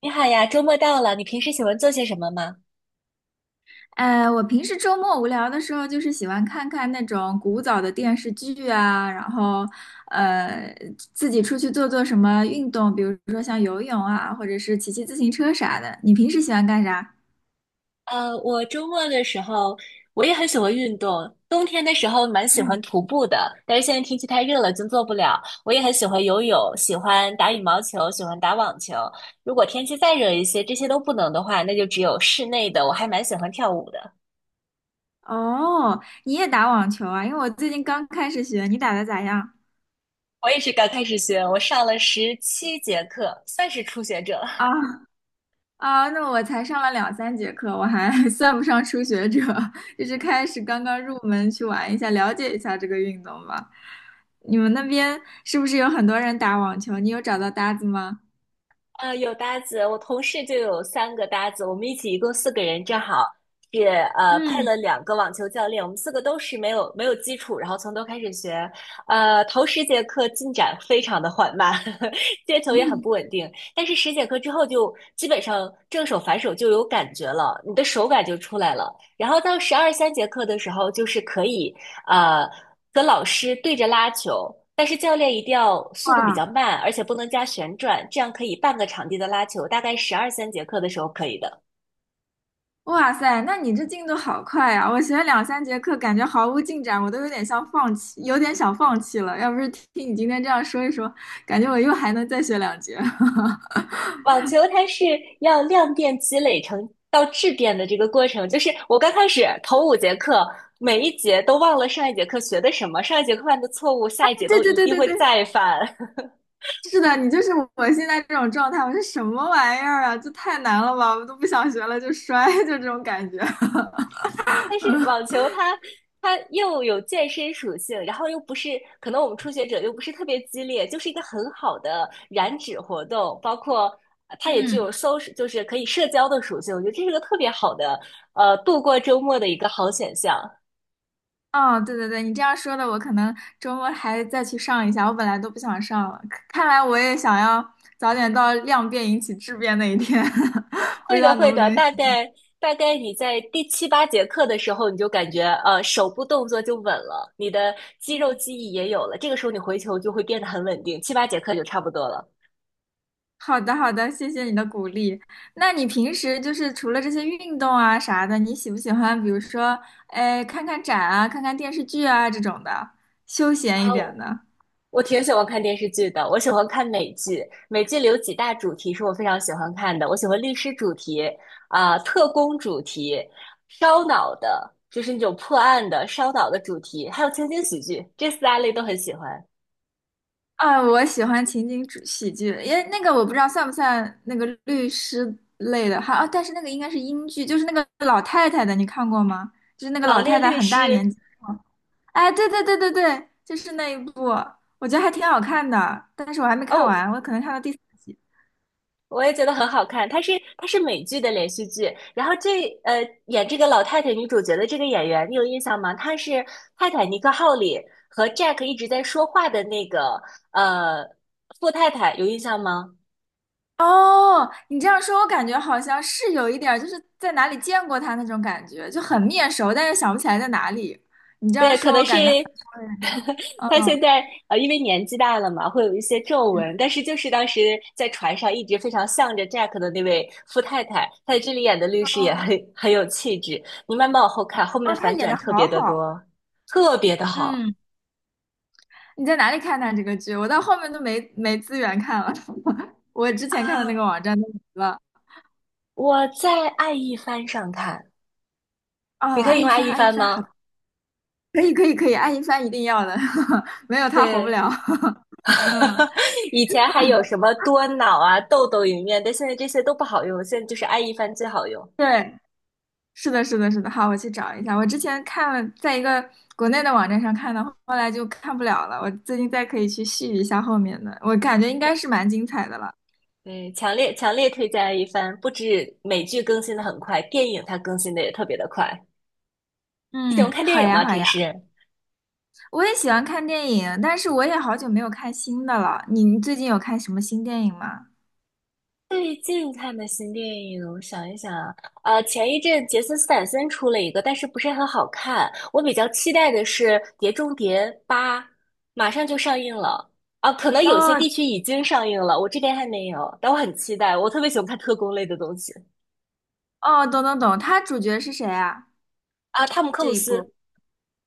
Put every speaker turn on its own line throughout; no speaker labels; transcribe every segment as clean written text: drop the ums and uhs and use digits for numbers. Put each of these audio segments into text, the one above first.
你好呀，周末到了，你平时喜欢做些什么吗？
呃，我平时周末无聊的时候，就是喜欢看看那种古早的电视剧啊，然后呃，自己出去做做什么运动，比如说像游泳啊，或者是骑骑自行车啥的。你平时喜欢干啥？
我周末的时候，我也很喜欢运动。冬天的时候蛮喜
嗯，
欢徒步的，但是现在天气太热了，就做不了。我也很喜欢游泳，喜欢打羽毛球，喜欢打网球。如果天气再热一些，这些都不能的话，那就只有室内的。我还蛮喜欢跳舞的，
哦，你也打网球啊？因为我最近刚开始学，你打的咋样？
我也是刚开始学，我上了17节课，算是初学者。
啊，啊，那我才上了两三节课，我还 算不上初学者，就是开始刚刚入门去玩一下，了解一下这个运动吧。你们那边是不是有很多人打网球？你有找到搭子吗？
有搭子，我同事就有三个搭子，我们一起一共四个人，正好是配
嗯
了两个网球教练，我们四个都是没有基础，然后从头开始学。头十节课进展非常的缓慢，接球也很
嗯，
不稳定，但是十节课之后就基本上正手反手就有感觉了，你的手感就出来了，然后到十二三节课的时候，就是可以呃和老师对着拉球，但是教练一定要 速度比
哇
较慢，而且不能加旋转，这样可以半个场地的拉球，大概十二三节课的时候可以的。
哇塞，那你这进度好快啊！我学了两三节课，感觉毫无进展，我都有点像放弃，有点想放弃了。要不是听你今天这样说一说，感觉我又还能再学两节。
网球它是要量变积累成到质变的这个过程，就是我刚开始头五节课，每一节都忘了上一节课学的什么，上一节课犯的错误，下一节
对
都
对
一
对
定
对
会
对，
再犯。
是的，你就是我现在这种状态，我说什么玩意儿啊？这太难了吧，我都不想学了，就摔，就这种感觉。
但是网球它它又有健身属性，然后又不是可能我们初学者又不是特别激烈，就是一个很好的燃脂活动。包括它也具
嗯，
有 social，就是可以社交的属性。我觉得这是个特别好的度过周末的一个好选项。
哦，对对对，你这样说的，我可能周末还再去上一下，我本来都不想上了，看看来我也想要早点到量变引起质变那一天，不
会
知
的，
道能
会
不
的，
能。
大概你在第七八节课的时候，你就感觉手部动作就稳了，你的肌肉记忆也有了，这个时候你回球就会变得很稳定，七八节课就差不多了。
好的，好的，谢谢你的鼓励。那你平时就是除了这些运动啊啥的，你喜不喜欢，比如说，哎，看看展啊，看看电视剧啊这种的，休闲一
啊，
点的？
我挺喜欢看电视剧的，我喜欢看美剧。美剧里有几大主题是我非常喜欢看的，我喜欢律师主题、啊、特工主题、烧脑的，就是那种破案的烧脑的主题，还有情景喜剧，这四大类都很喜欢。
啊，我喜欢情景主喜剧，因为那个我不知道算不算那个律师类的，还啊，但是那个应该是英剧，就是那个老太太的，你看过吗？就是那个
老
老太
练
太
律
很大
师。
年纪，哎，对对对对对，就是那一部，我觉得还挺好看的，但是我还没看
哦，
完，我可能看到第四集。
我也觉得很好看，它是美剧的连续剧，然后这演这个老太太女主角的这个演员，你有印象吗？她是《泰坦尼克号》里和 Jack 一直在说话的那个呃富太太，有印象吗？
哦，你这样说，我感觉好像是有一点儿就是在哪里见过他那种感觉，就很面熟，但是想不起来在哪里。你这
对，
样
可
说，
能
我
是。
感觉好像，嗯，
他现在因为年纪大了嘛，会有一些皱纹，但是就是当时在船上一直非常向着 Jack 的那位富太太，她在这里演的律师也
哦
很有气质。你慢慢往后看，后面
哦，
的
他
反
演
转
的
特别
好
的
好。
多，特别的好
嗯。你在哪里看的这个剧？我到后面都没资源看了，我之前看的那个
啊！
网站都没了。
我在爱一帆上看，你
哦，
可以
爱
用
一
爱
帆，
一
爱一
帆
帆，好
吗？
的，可以，可以，可以，爱一帆一定要的，没有他活不
对，
了。嗯，
以前还有什么多脑啊、豆豆影院，但现在这些都不好用，现在就是爱一帆最好用。
对，是的，是的，是的。好，我去找一下。我之前看了，在一个国内的网站上看的，后来就看不了了。我最近再可以去续一下后面的，我感觉应该是蛮精彩的了。
对，强烈推荐一番。不止美剧更新的很快，电影它更新的也特别的快。你喜欢
嗯，
看电
好
影
呀，
吗？
好
平
呀。
时？
我也喜欢看电影，但是我也好久没有看新的了。你最近有看什么新电影吗？
最近看的新电影，我想一想啊，前一阵杰森斯坦森出了一个，但是不是很好看。我比较期待的是《碟中谍八》，马上就上映了啊，可能有些
哦
地区已经上映了，我这边还没有，但我很期待。我特别喜欢看特工类的东西。
哦，懂懂懂，他主角是谁啊？
啊，汤姆克
这
鲁
一部
斯，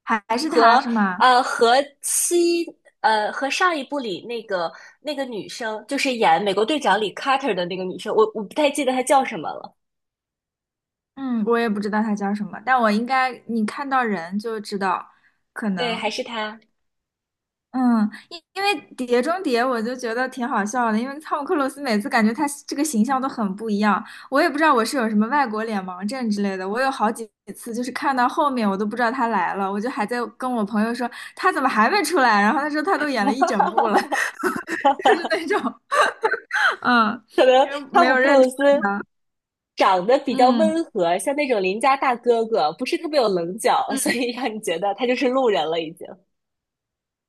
还是他
和
是吗？
呃和七和上一部里那个女生，就是演美国队长里 Carter 的那个女生，我不太记得她叫什么了。
嗯，我也不知道他叫什么，但我应该你看到人就知道，可
对，还
能
是她。
嗯，因为《碟中谍》我就觉得挺好笑的，因为汤姆克鲁斯每次感觉他这个形象都很不一样，我也不知道我是有什么外国脸盲症之类的，我有好几次就是看到后面我都不知道他来了，我就还在跟我朋友说他怎么还没出来，然后他说他都演了一整部了，就是那种。嗯，
可能
因为
汤
没
姆
有
克
认出
鲁
来
斯
他。
长得比较
嗯
温和，像那种邻家大哥哥，不是特别有棱角，所
嗯
以让你觉得他就是路人了已经。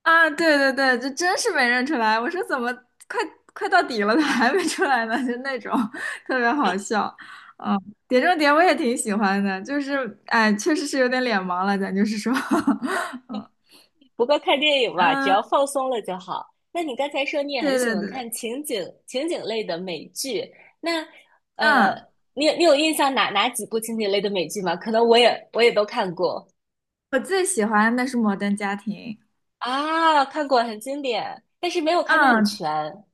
啊，对对对，这真是没认出来。我说怎么快快到底了，他还没出来呢？就那种 特别好笑。嗯，《碟中谍》我也挺喜欢的，就是哎，确实是有点脸盲了，咱就是说，嗯
不过看电影嘛，只
嗯，
要放松了就好。那你刚才说你也很
对
喜欢
对对，
看情景类的美剧，那呃，
嗯，
你有印象哪几部情景类的美剧吗？可能我也都看过。
我最喜欢的是《摩登家庭》。
啊，看过很经典，但是没有看的很
嗯，
全。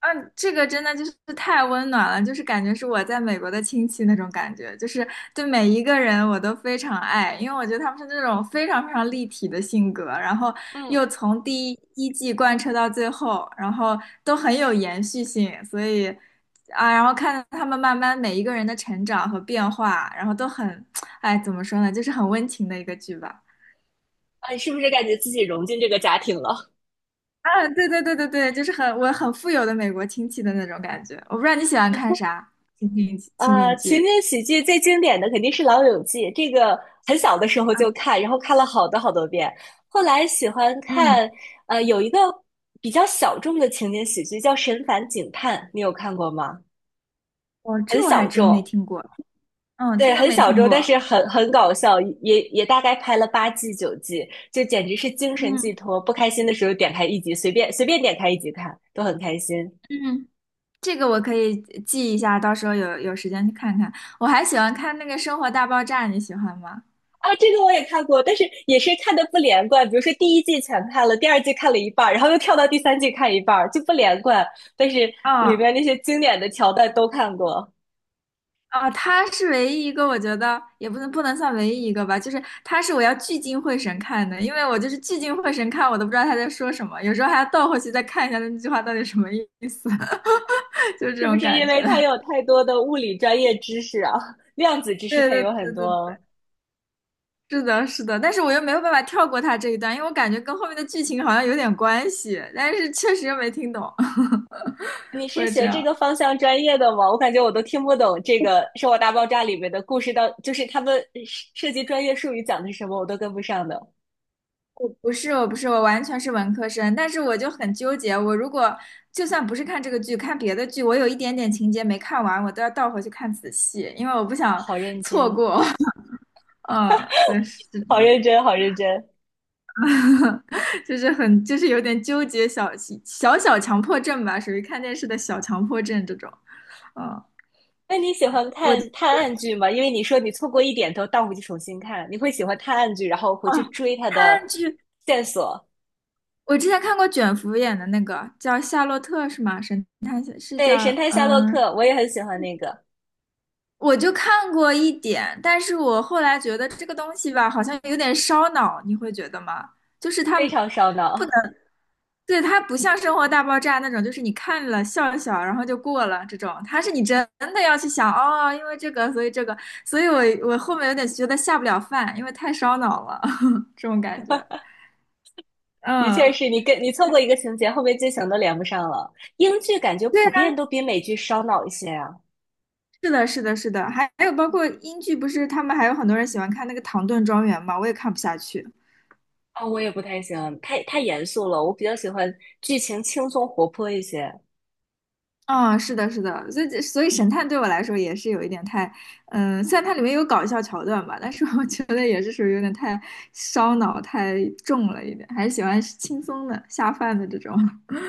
嗯，这个真的就是太温暖了，就是感觉是我在美国的亲戚那种感觉，就是对每一个人我都非常爱，因为我觉得他们是那种非常非常立体的性格，然后
嗯。
又从第一季贯彻到最后，然后都很有延续性，所以啊，然后看他们慢慢每一个人的成长和变化，然后都很，哎，怎么说呢，就是很温情的一个剧吧。
啊，你是不是感觉自己融进这个家庭了？
啊，对对对对对，就是很我很富有的美国亲戚的那种感觉。我不知道你喜欢看啥情景情
啊，
景
情
剧
景喜剧最经典的肯定是《老友记》，这个很小的时候
啊？
就看，然后看了好多好多遍。后来喜欢
嗯，
看有一个比较小众的情景喜剧叫《神烦警探》，你有看过吗？
我这
很
我还
小
真没
众。
听过，嗯，
对，
听都
很
没
小
听
众，但
过。
是很搞笑，也大概拍了八季九季，就简直是精神寄
嗯
托。不开心的时候点开一集，随便随便点开一集看，都很开心。
嗯，这个我可以记一下，到时候有时间去看看。我还喜欢看那个《生活大爆炸》，你喜欢吗？
啊，这个我也看过，但是也是看的不连贯。比如说第一季全看了，第二季看了一半儿，然后又跳到第三季看一半儿，就不连贯。但是里
哦
面那些经典的桥段都看过。
啊，他是唯一一个，我觉得也不能算唯一一个吧，就是他是我要聚精会神看的，因为我就是聚精会神看，我都不知道他在说什么，有时候还要倒回去再看一下那句话到底什么意思，就是这
是不
种
是因
感
为
觉。
它有 太多的物理专业知识啊？量子知识
对
它
对
有很
对对，
多。
是的，是的，但是我又没有办法跳过他这一段，因为我感觉跟后面的剧情好像有点关系，但是确实又没听懂，
你 是
会这
学这个
样。
方向专业的吗？我感觉我都听不懂这个《生活大爆炸》里面的故事到，就是他们涉及专业术语讲的是什么，我都跟不上的。
我不是，我不是，我完全是文科生，但是我就很纠结，我如果就算不是看这个剧，看别的剧，我有一点点情节没看完，我都要倒回去看仔细，因为我不
哦，
想
好 认
错
真，
过。嗯，对，是的，
好认真，好认真。
就是很，就是有点纠结，小小强迫症吧，属于看电视的小强迫症这种。嗯，
那你喜欢看
我
探案剧吗？因为你说你错过一点都倒回去重新看，你会喜欢探案剧，然后回去追它的
看剧，
线索。
我之前看过卷福演的那个叫《夏洛特》是吗？神探是
对，
叫
《神探夏洛克》我也很喜欢那个，
我就看过一点，但是我后来觉得这个东西吧，好像有点烧脑，你会觉得吗？就是它
非常烧
不能，
脑。
对，它不像《生活大爆炸》那种，就是你看了笑一笑，然后就过了这种，它是你真的要去想，哦，因为这个，所以这个，所以我后面有点觉得下不了饭，因为太烧脑了，这种感觉。
的确
嗯，
是你跟你错过一个情节，后面剧情都连不上了。英剧感觉
对
普
啊，
遍都比美剧烧脑一些啊。
是的，是的，是的，还有包括英剧，不是他们还有很多人喜欢看那个《唐顿庄园》嘛，我也看不下去。
啊、我也不太喜欢，太严肃了。我比较喜欢剧情轻松活泼一些。
啊、是的，是的，所以神探对我来说也是有一点太，虽然它里面有搞笑桥段吧，但是我觉得也是属于有点太烧脑、太重了一点，还是喜欢轻松的、下饭的这种。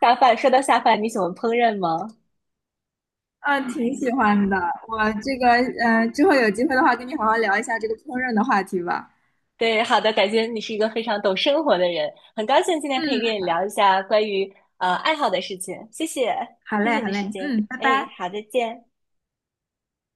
下饭，说到下饭，你喜欢烹饪吗？
嗯，挺喜欢的。我这个，之后有机会的话，跟你好好聊一下这个烹饪的话题吧。
对，好的，感觉你是一个非常懂生活的人，很高兴今天可以
嗯，
跟你聊一下关于爱好的事情。谢谢，
好
谢
嘞，
谢你
好
的时
嘞，
间。
嗯，拜
哎，
拜。
好，再见。